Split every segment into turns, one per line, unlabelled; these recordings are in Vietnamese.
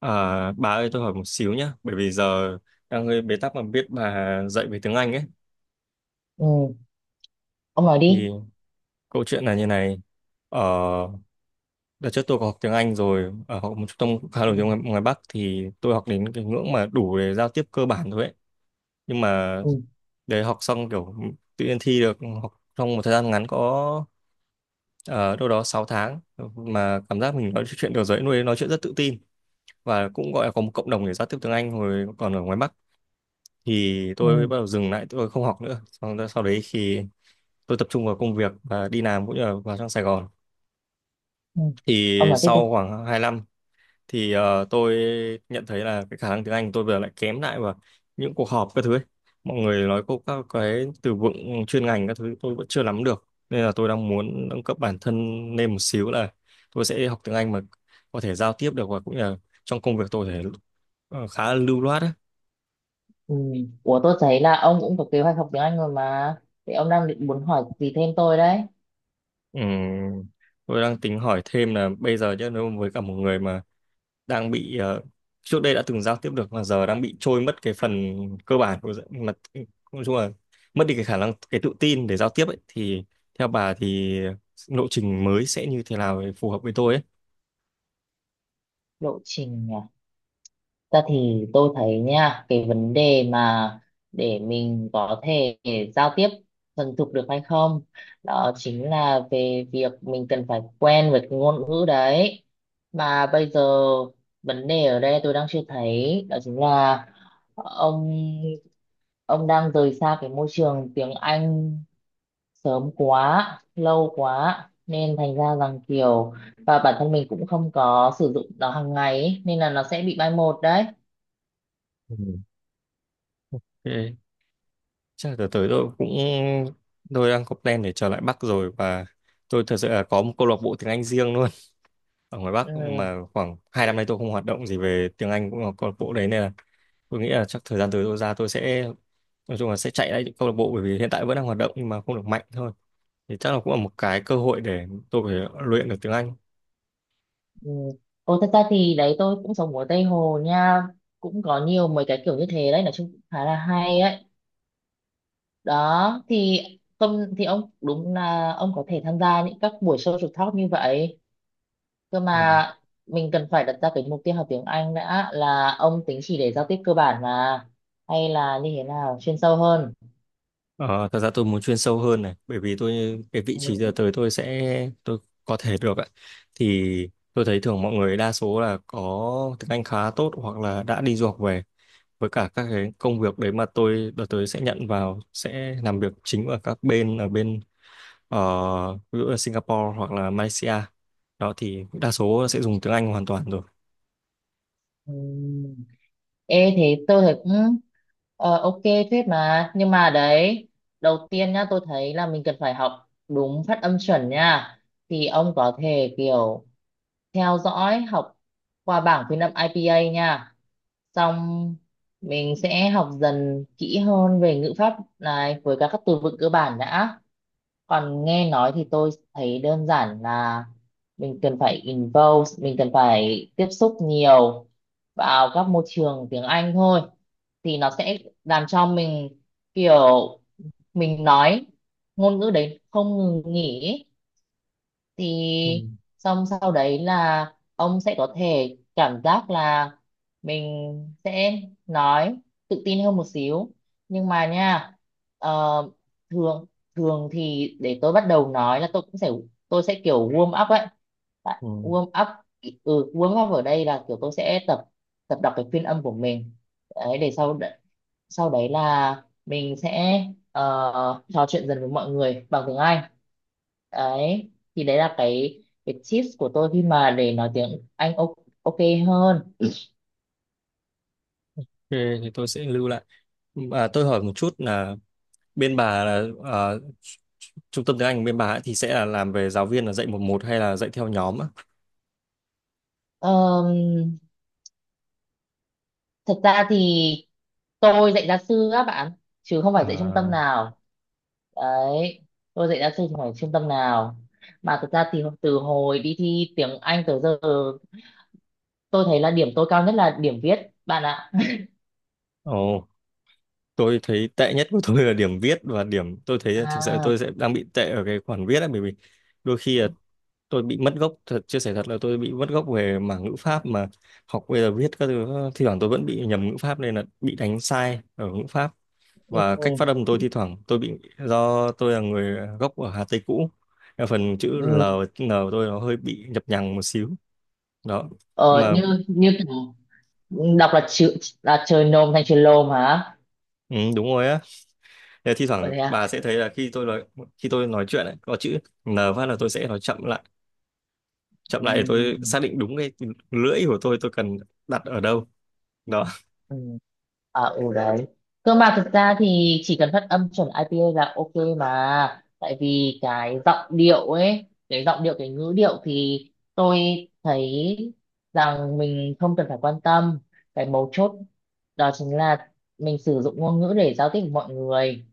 À, bà ơi tôi hỏi một xíu nhé, bởi vì giờ đang hơi bế tắc mà biết bà dạy về tiếng Anh ấy.
Ừ, ông nói
Thì
đi.
câu chuyện là như này. ở Đợt trước tôi có học tiếng Anh rồi, ở học một trung tâm cũng khá
Ừ.
nổi tiếng ngoài Bắc, thì tôi học đến cái ngưỡng mà đủ để giao tiếp cơ bản thôi ấy. Nhưng mà
Ừ.
để học xong kiểu tự nhiên thi được học trong một thời gian ngắn có ờ, đâu đó 6 tháng, mà cảm giác mình nói chuyện được rồi, nuôi nói chuyện rất tự tin, và cũng gọi là có một cộng đồng để giao tiếp tiếng Anh hồi còn ở ngoài Bắc. Thì tôi
Ừ.
bắt đầu dừng lại, tôi không học nữa, xong đó, sau đấy thì tôi tập trung vào công việc và đi làm, cũng như là vào trong Sài Gòn.
Ừ,
Thì
ông nói tiếp đi.
sau khoảng 2 năm thì tôi nhận thấy là cái khả năng tiếng Anh tôi bây giờ lại kém lại, và những cuộc họp các thứ ấy. Mọi người nói cô các cái từ vựng chuyên ngành các thứ tôi vẫn chưa nắm được, nên là tôi đang muốn nâng cấp bản thân lên một xíu, là tôi sẽ học tiếng Anh mà có thể giao tiếp được, và cũng như là trong công việc tôi có thể khá là lưu loát ấy.
Ừ. Ủa, tôi thấy là ông cũng có kế hoạch học tiếng Anh rồi mà, thì ông đang định muốn hỏi gì thêm tôi đấy?
Ừ. Tôi đang tính hỏi thêm là bây giờ chứ, nếu với cả một người mà đang bị trước đây đã từng giao tiếp được mà giờ đang bị trôi mất cái phần cơ bản của mà nói chung là mất đi cái khả năng, cái tự tin để giao tiếp ấy, thì theo bà thì lộ trình mới sẽ như thế nào để phù hợp với tôi ấy.
Lộ trình à? Ta thì tôi thấy nha, cái vấn đề mà để mình có thể giao tiếp thuần thục được hay không, đó chính là về việc mình cần phải quen với cái ngôn ngữ đấy. Mà bây giờ vấn đề ở đây tôi đang chưa thấy đó chính là ông ông đang rời xa cái môi trường tiếng Anh sớm quá, lâu quá, nên thành ra rằng kiểu và bản thân mình cũng không có sử dụng nó hàng ngày ấy, nên là nó sẽ bị mai một đấy.
Ừ. Ok. Chắc là tới tới tôi cũng tôi đang có plan để trở lại Bắc rồi, và tôi thật sự là có một câu lạc bộ tiếng Anh riêng luôn ở ngoài
Ừ.
Bắc, mà khoảng hai năm nay tôi không hoạt động gì về tiếng Anh cũng là câu lạc bộ đấy, nên là tôi nghĩ là chắc thời gian tới tôi ra tôi sẽ nói chung là sẽ chạy lại những câu lạc bộ, bởi vì hiện tại vẫn đang hoạt động nhưng mà không được mạnh thôi. Thì chắc là cũng là một cái cơ hội để tôi có thể luyện được tiếng Anh.
Ừ. Ô, thật ra thì đấy tôi cũng sống ở Tây Hồ nha, cũng có nhiều mấy cái kiểu như thế đấy, nói chung cũng khá là hay ấy. Đó thì không thì ông đúng là ông có thể tham gia những các buổi social talk như vậy. Cơ
Ừ.
mà mình cần phải đặt ra cái mục tiêu học tiếng Anh đã, là ông tính chỉ để giao tiếp cơ bản mà, hay là như thế nào, chuyên sâu hơn?
Ờ, thật ra tôi muốn chuyên sâu hơn này, bởi vì tôi cái vị
Ừ.
trí giờ tới tôi sẽ tôi có thể được ạ. Thì tôi thấy thường mọi người đa số là có tiếng Anh khá tốt hoặc là đã đi du học về, với cả các cái công việc đấy mà tôi đợt tới sẽ nhận vào sẽ làm việc chính ở các bên, ở bên ví dụ là Singapore hoặc là Malaysia. Đó thì đa số sẽ dùng tiếng Anh hoàn toàn rồi.
Ừ. Ê, thế tôi thấy cũng ờ, ok, phết mà. Nhưng mà đấy, đầu tiên nhá, tôi thấy là mình cần phải học đúng phát âm chuẩn nha, thì ông có thể kiểu theo dõi học qua bảng phiên âm IPA nha. Xong mình sẽ học dần kỹ hơn về ngữ pháp này với các từ vựng cơ bản đã. Còn nghe nói thì tôi thấy đơn giản là mình cần phải involve, mình cần phải tiếp xúc nhiều vào các môi trường tiếng Anh thôi, thì nó sẽ làm cho mình kiểu mình nói ngôn ngữ đấy không ngừng nghỉ ý.
Ừ.
Thì xong sau đấy là ông sẽ có thể cảm giác là mình sẽ nói tự tin hơn một xíu. Nhưng mà nha, ờ, thường thường thì để tôi bắt đầu nói là tôi cũng sẽ, tôi sẽ kiểu warm up ấy. Tại-
Ừ. Ok,
warm up. Ừ, warm up ở đây là kiểu tôi sẽ tập, tập đọc cái phiên âm của mình đấy, sau đấy là mình sẽ trò chuyện dần với mọi người bằng tiếng Anh. Đấy thì đấy là cái tips của tôi khi mà để nói tiếng Anh ok, ok hơn.
thì tôi sẽ lưu lại. À, tôi hỏi một chút là bên bà là trung tâm tiếng Anh bên bà ấy thì sẽ là làm về giáo viên là dạy một một hay là dạy theo nhóm á?
Ờm, Thật ra thì tôi dạy gia sư á bạn, chứ không phải dạy trung tâm
À,
nào. Đấy, tôi dạy gia sư chứ không phải trung tâm nào. Mà thật ra thì từ hồi đi thi tiếng Anh tới giờ, tôi thấy là điểm tôi cao nhất là điểm viết, bạn ạ.
ồ, tôi thấy tệ nhất của tôi là điểm viết, và điểm tôi thấy thực sự là
À.
tôi sẽ đang bị tệ ở cái khoản viết ấy, bởi vì đôi khi là tôi bị mất gốc thật, chia sẻ thật là tôi bị mất gốc về mảng ngữ pháp, mà học bây giờ viết các thứ thi thoảng tôi vẫn bị nhầm ngữ pháp nên là bị đánh sai ở ngữ pháp. Và cách
Ừ.
phát âm tôi thi thoảng tôi bị do tôi là người gốc ở Hà Tây cũ, nên phần chữ L
Ừ.
và N của tôi nó hơi bị nhập nhằng một xíu. Đó. Nhưng
Ờ,
mà
như như kiểu đọc là chữ là trời nôm thành trời lôm hả?
ừ, đúng rồi á. Thế thi
Ờ,
thoảng
thế à.
bà sẽ thấy là khi tôi nói, khi tôi nói chuyện ấy, có chữ N phát là tôi sẽ nói chậm lại, chậm lại để tôi xác định đúng cái lưỡi của tôi cần đặt ở đâu. Đó.
Ừ. À, ừ đấy. Cơ mà thực ra thì chỉ cần phát âm chuẩn IPA là ok mà. Tại vì cái giọng điệu ấy, cái giọng điệu, cái ngữ điệu thì tôi thấy rằng mình không cần phải quan tâm. Cái mấu chốt đó chính là mình sử dụng ngôn ngữ để giao tiếp với mọi người.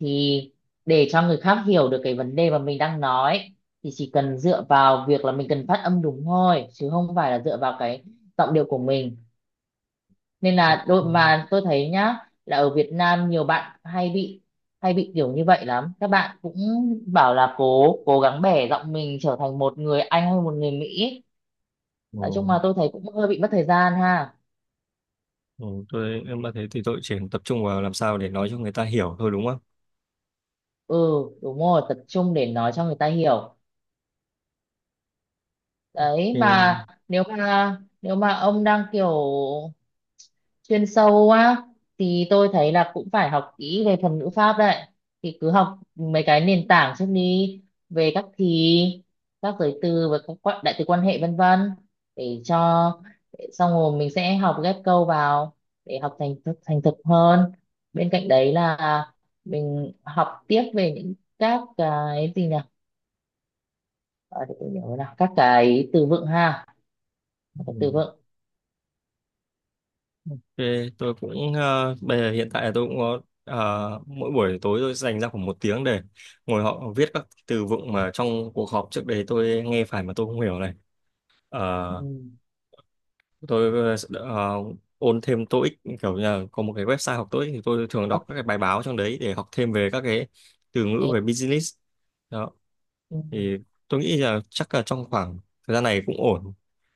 Thì để cho người khác hiểu được cái vấn đề mà mình đang nói thì chỉ cần dựa vào việc là mình cần phát âm đúng thôi, chứ không phải là dựa vào cái giọng điệu của mình. Nên là đôi mà tôi thấy nhá, là ở Việt Nam nhiều bạn hay bị, hay bị kiểu như vậy lắm, các bạn cũng bảo là cố cố gắng bẻ giọng mình trở thành một người Anh hay một người Mỹ. Nói chung
Ừ.
mà tôi thấy cũng hơi bị mất thời gian ha.
Ừ, tôi em mà thế thì tôi chỉ tập trung vào làm sao để nói cho người ta hiểu thôi đúng không?
Ừ, đúng rồi, tập trung để nói cho người ta hiểu. Đấy mà
Thì,
nếu mà, nếu mà ông đang kiểu chuyên sâu quá thì tôi thấy là cũng phải học kỹ về thuật ngữ pháp đấy, thì cứ học mấy cái nền tảng trước đi, về các thì, các giới từ và các quan- đại từ quan hệ vân vân, để cho để xong rồi mình sẽ học ghép câu vào để học thành thực, thành thục hơn. Bên cạnh đấy là mình học tiếp về những các cái gì nhỉ, à, để tôi nhớ nào, các cái từ vựng ha. các cái từ
ừ,
vựng
thì tôi cũng bây giờ hiện tại tôi cũng có mỗi buổi tối tôi dành ra khoảng một tiếng để ngồi họ viết các từ vựng mà trong cuộc họp trước đấy tôi nghe phải mà tôi không hiểu này. Ờ,
Ừ.
tôi ôn thêm TOEIC kiểu như là có một cái website học TOEIC, thì tôi thường đọc
Ok.
các cái bài báo trong đấy để học thêm về các cái từ ngữ về business. Đó.
Ừ.
Thì tôi nghĩ là chắc là trong khoảng thời gian này cũng ổn.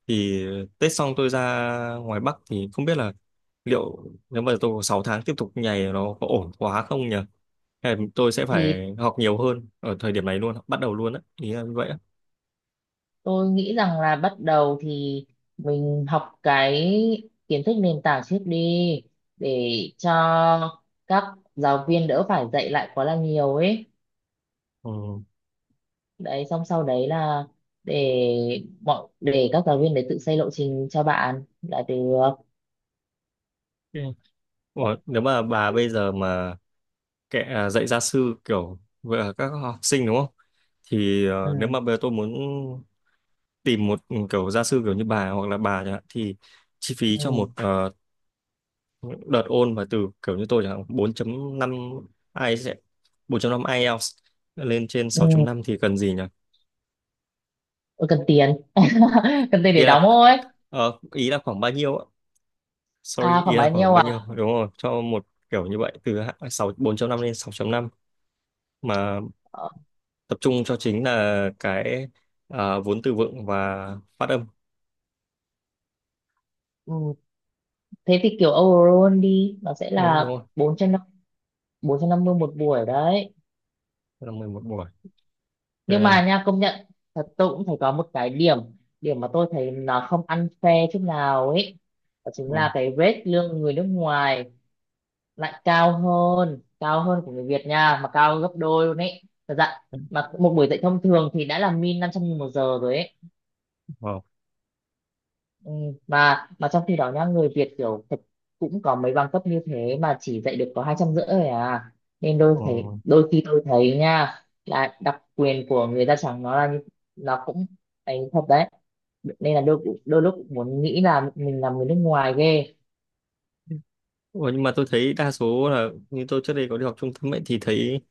Thì Tết xong tôi ra ngoài Bắc thì không biết là liệu nếu mà tôi có 6 tháng tiếp tục nhảy nó có ổn quá không nhỉ, hay là tôi sẽ
Thì
phải học nhiều hơn ở thời điểm này luôn, bắt đầu luôn á, ý là như vậy á.
tôi nghĩ rằng là bắt đầu thì mình học cái kiến thức nền tảng trước đi, để cho các giáo viên đỡ phải dạy lại quá là nhiều ấy.
Ừ.
Đấy, xong sau đấy là để để các giáo viên đấy tự xây lộ trình cho bạn là được.
Ok. Ủa, nếu mà bà bây giờ mà kệ à, dạy gia sư kiểu về các học sinh đúng không, thì
Ừ,
nếu mà bây giờ tôi muốn tìm một ừ, kiểu gia sư kiểu như bà hoặc là bà chẳng hạn, thì chi phí cho
ừ,
một những đợt ôn mà từ kiểu như tôi chẳng hạn bốn chấm năm ai sẽ 4.5 IELTS lên trên
ừ.
sáu chấm năm thì cần gì nhỉ?
Ôi, cần tiền. Cần tiền
Ý
để đóng
là
thôi.
ý là khoảng bao nhiêu ạ?
À,
Sorry, ý
khoảng
là
bao
khoảng
nhiêu
bao nhiêu?
à?
Đúng rồi, cho một kiểu như vậy từ sáu bốn chấm năm lên sáu chấm năm, mà
Ờ.
tập trung cho chính là cái à, vốn từ vựng và phát âm.
Ừ. Thế thì kiểu overall đi, nó sẽ
Ừ, đúng
là
rồi,
bốn bốn trăm, 450 một buổi đấy.
là 11 buổi.
Nhưng
Ok.
mà nha, công nhận thật, tôi cũng thấy có một cái điểm điểm mà tôi thấy là không ăn phe chút nào ấy, đó chính
Ừ.
là cái rate lương người nước ngoài lại cao hơn của người Việt nha, mà cao gấp đôi luôn ấy, thật dạ. Mà một buổi dạy thông thường thì đã là min 500.000 một giờ rồi ấy.
Wow.
Ừ, mà trong khi đó nhá, người Việt kiểu thật cũng có mấy bằng cấp như thế mà chỉ dạy được có 250 thôi à. Nên
Ờ.
đôi thấy đôi khi tôi thấy nha, là đặc quyền của người da trắng nó là như-, nó cũng ấy thật đấy. Nên là đôi đôi lúc cũng muốn nghĩ là mình là người nước ngoài ghê.
Ủa, nhưng mà tôi thấy đa số là như tôi trước đây có đi học trung tâm ấy thì thấy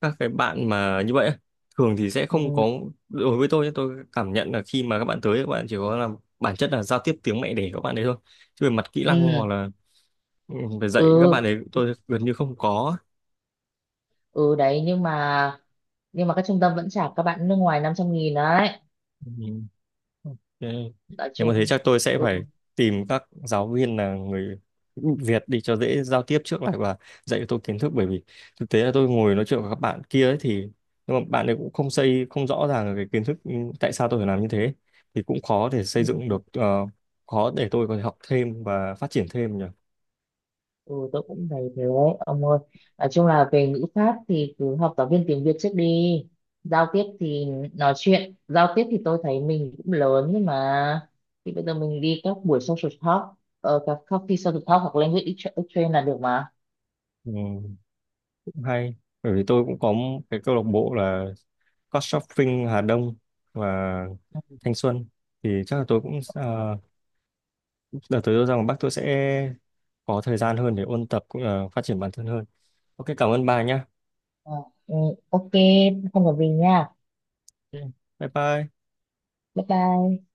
các cái bạn mà như vậy á, thường thì sẽ không
Ừ.
có, đối với tôi nhé, tôi cảm nhận là khi mà các bạn tới các bạn chỉ có làm bản chất là giao tiếp tiếng mẹ đẻ của các bạn đấy thôi, chứ về mặt kỹ năng hoặc
Ừ.
là ừ, về dạy các
Ừ.
bạn ấy tôi gần như không có.
Ừ đấy, nhưng mà, nhưng mà các trung tâm vẫn trả các bạn nước ngoài 500.000 đấy.
Ừ. Ok.
Nói
Nếu mà thế
chung.
chắc tôi sẽ
Ừ.
phải tìm các giáo viên là người Việt đi cho dễ giao tiếp trước lại, và dạy cho tôi kiến thức, bởi vì thực tế là tôi ngồi nói chuyện với các bạn kia ấy thì nhưng mà bạn ấy cũng không xây, không rõ ràng là cái kiến thức, ừ, tại sao tôi phải làm như thế, thì cũng khó để xây dựng
Ừ.
được khó để tôi có thể học thêm và phát triển thêm nhỉ.
Ừ, tôi cũng thấy thế đấy ông ơi, nói chung là về ngữ pháp thì cứ học giáo viên tiếng Việt trước đi. Giao tiếp thì nói chuyện giao tiếp thì tôi thấy mình cũng lớn, nhưng mà thì bây giờ mình đi các buổi social talk, ờ, các coffee social talk hoặc language exchange là được mà.
Ừ, cũng hay, bởi vì tôi cũng có một cái câu lạc bộ là Couchsurfing Hà Đông và Thanh Xuân. Thì chắc là tôi cũng đợt tới tôi rằng bác tôi sẽ có thời gian hơn để ôn tập cũng là phát triển bản thân hơn. Ok, cảm ơn bà nhá.
Ờ, ừ, ok, không có gì nha.
Ok, bye bye.
Bye bye.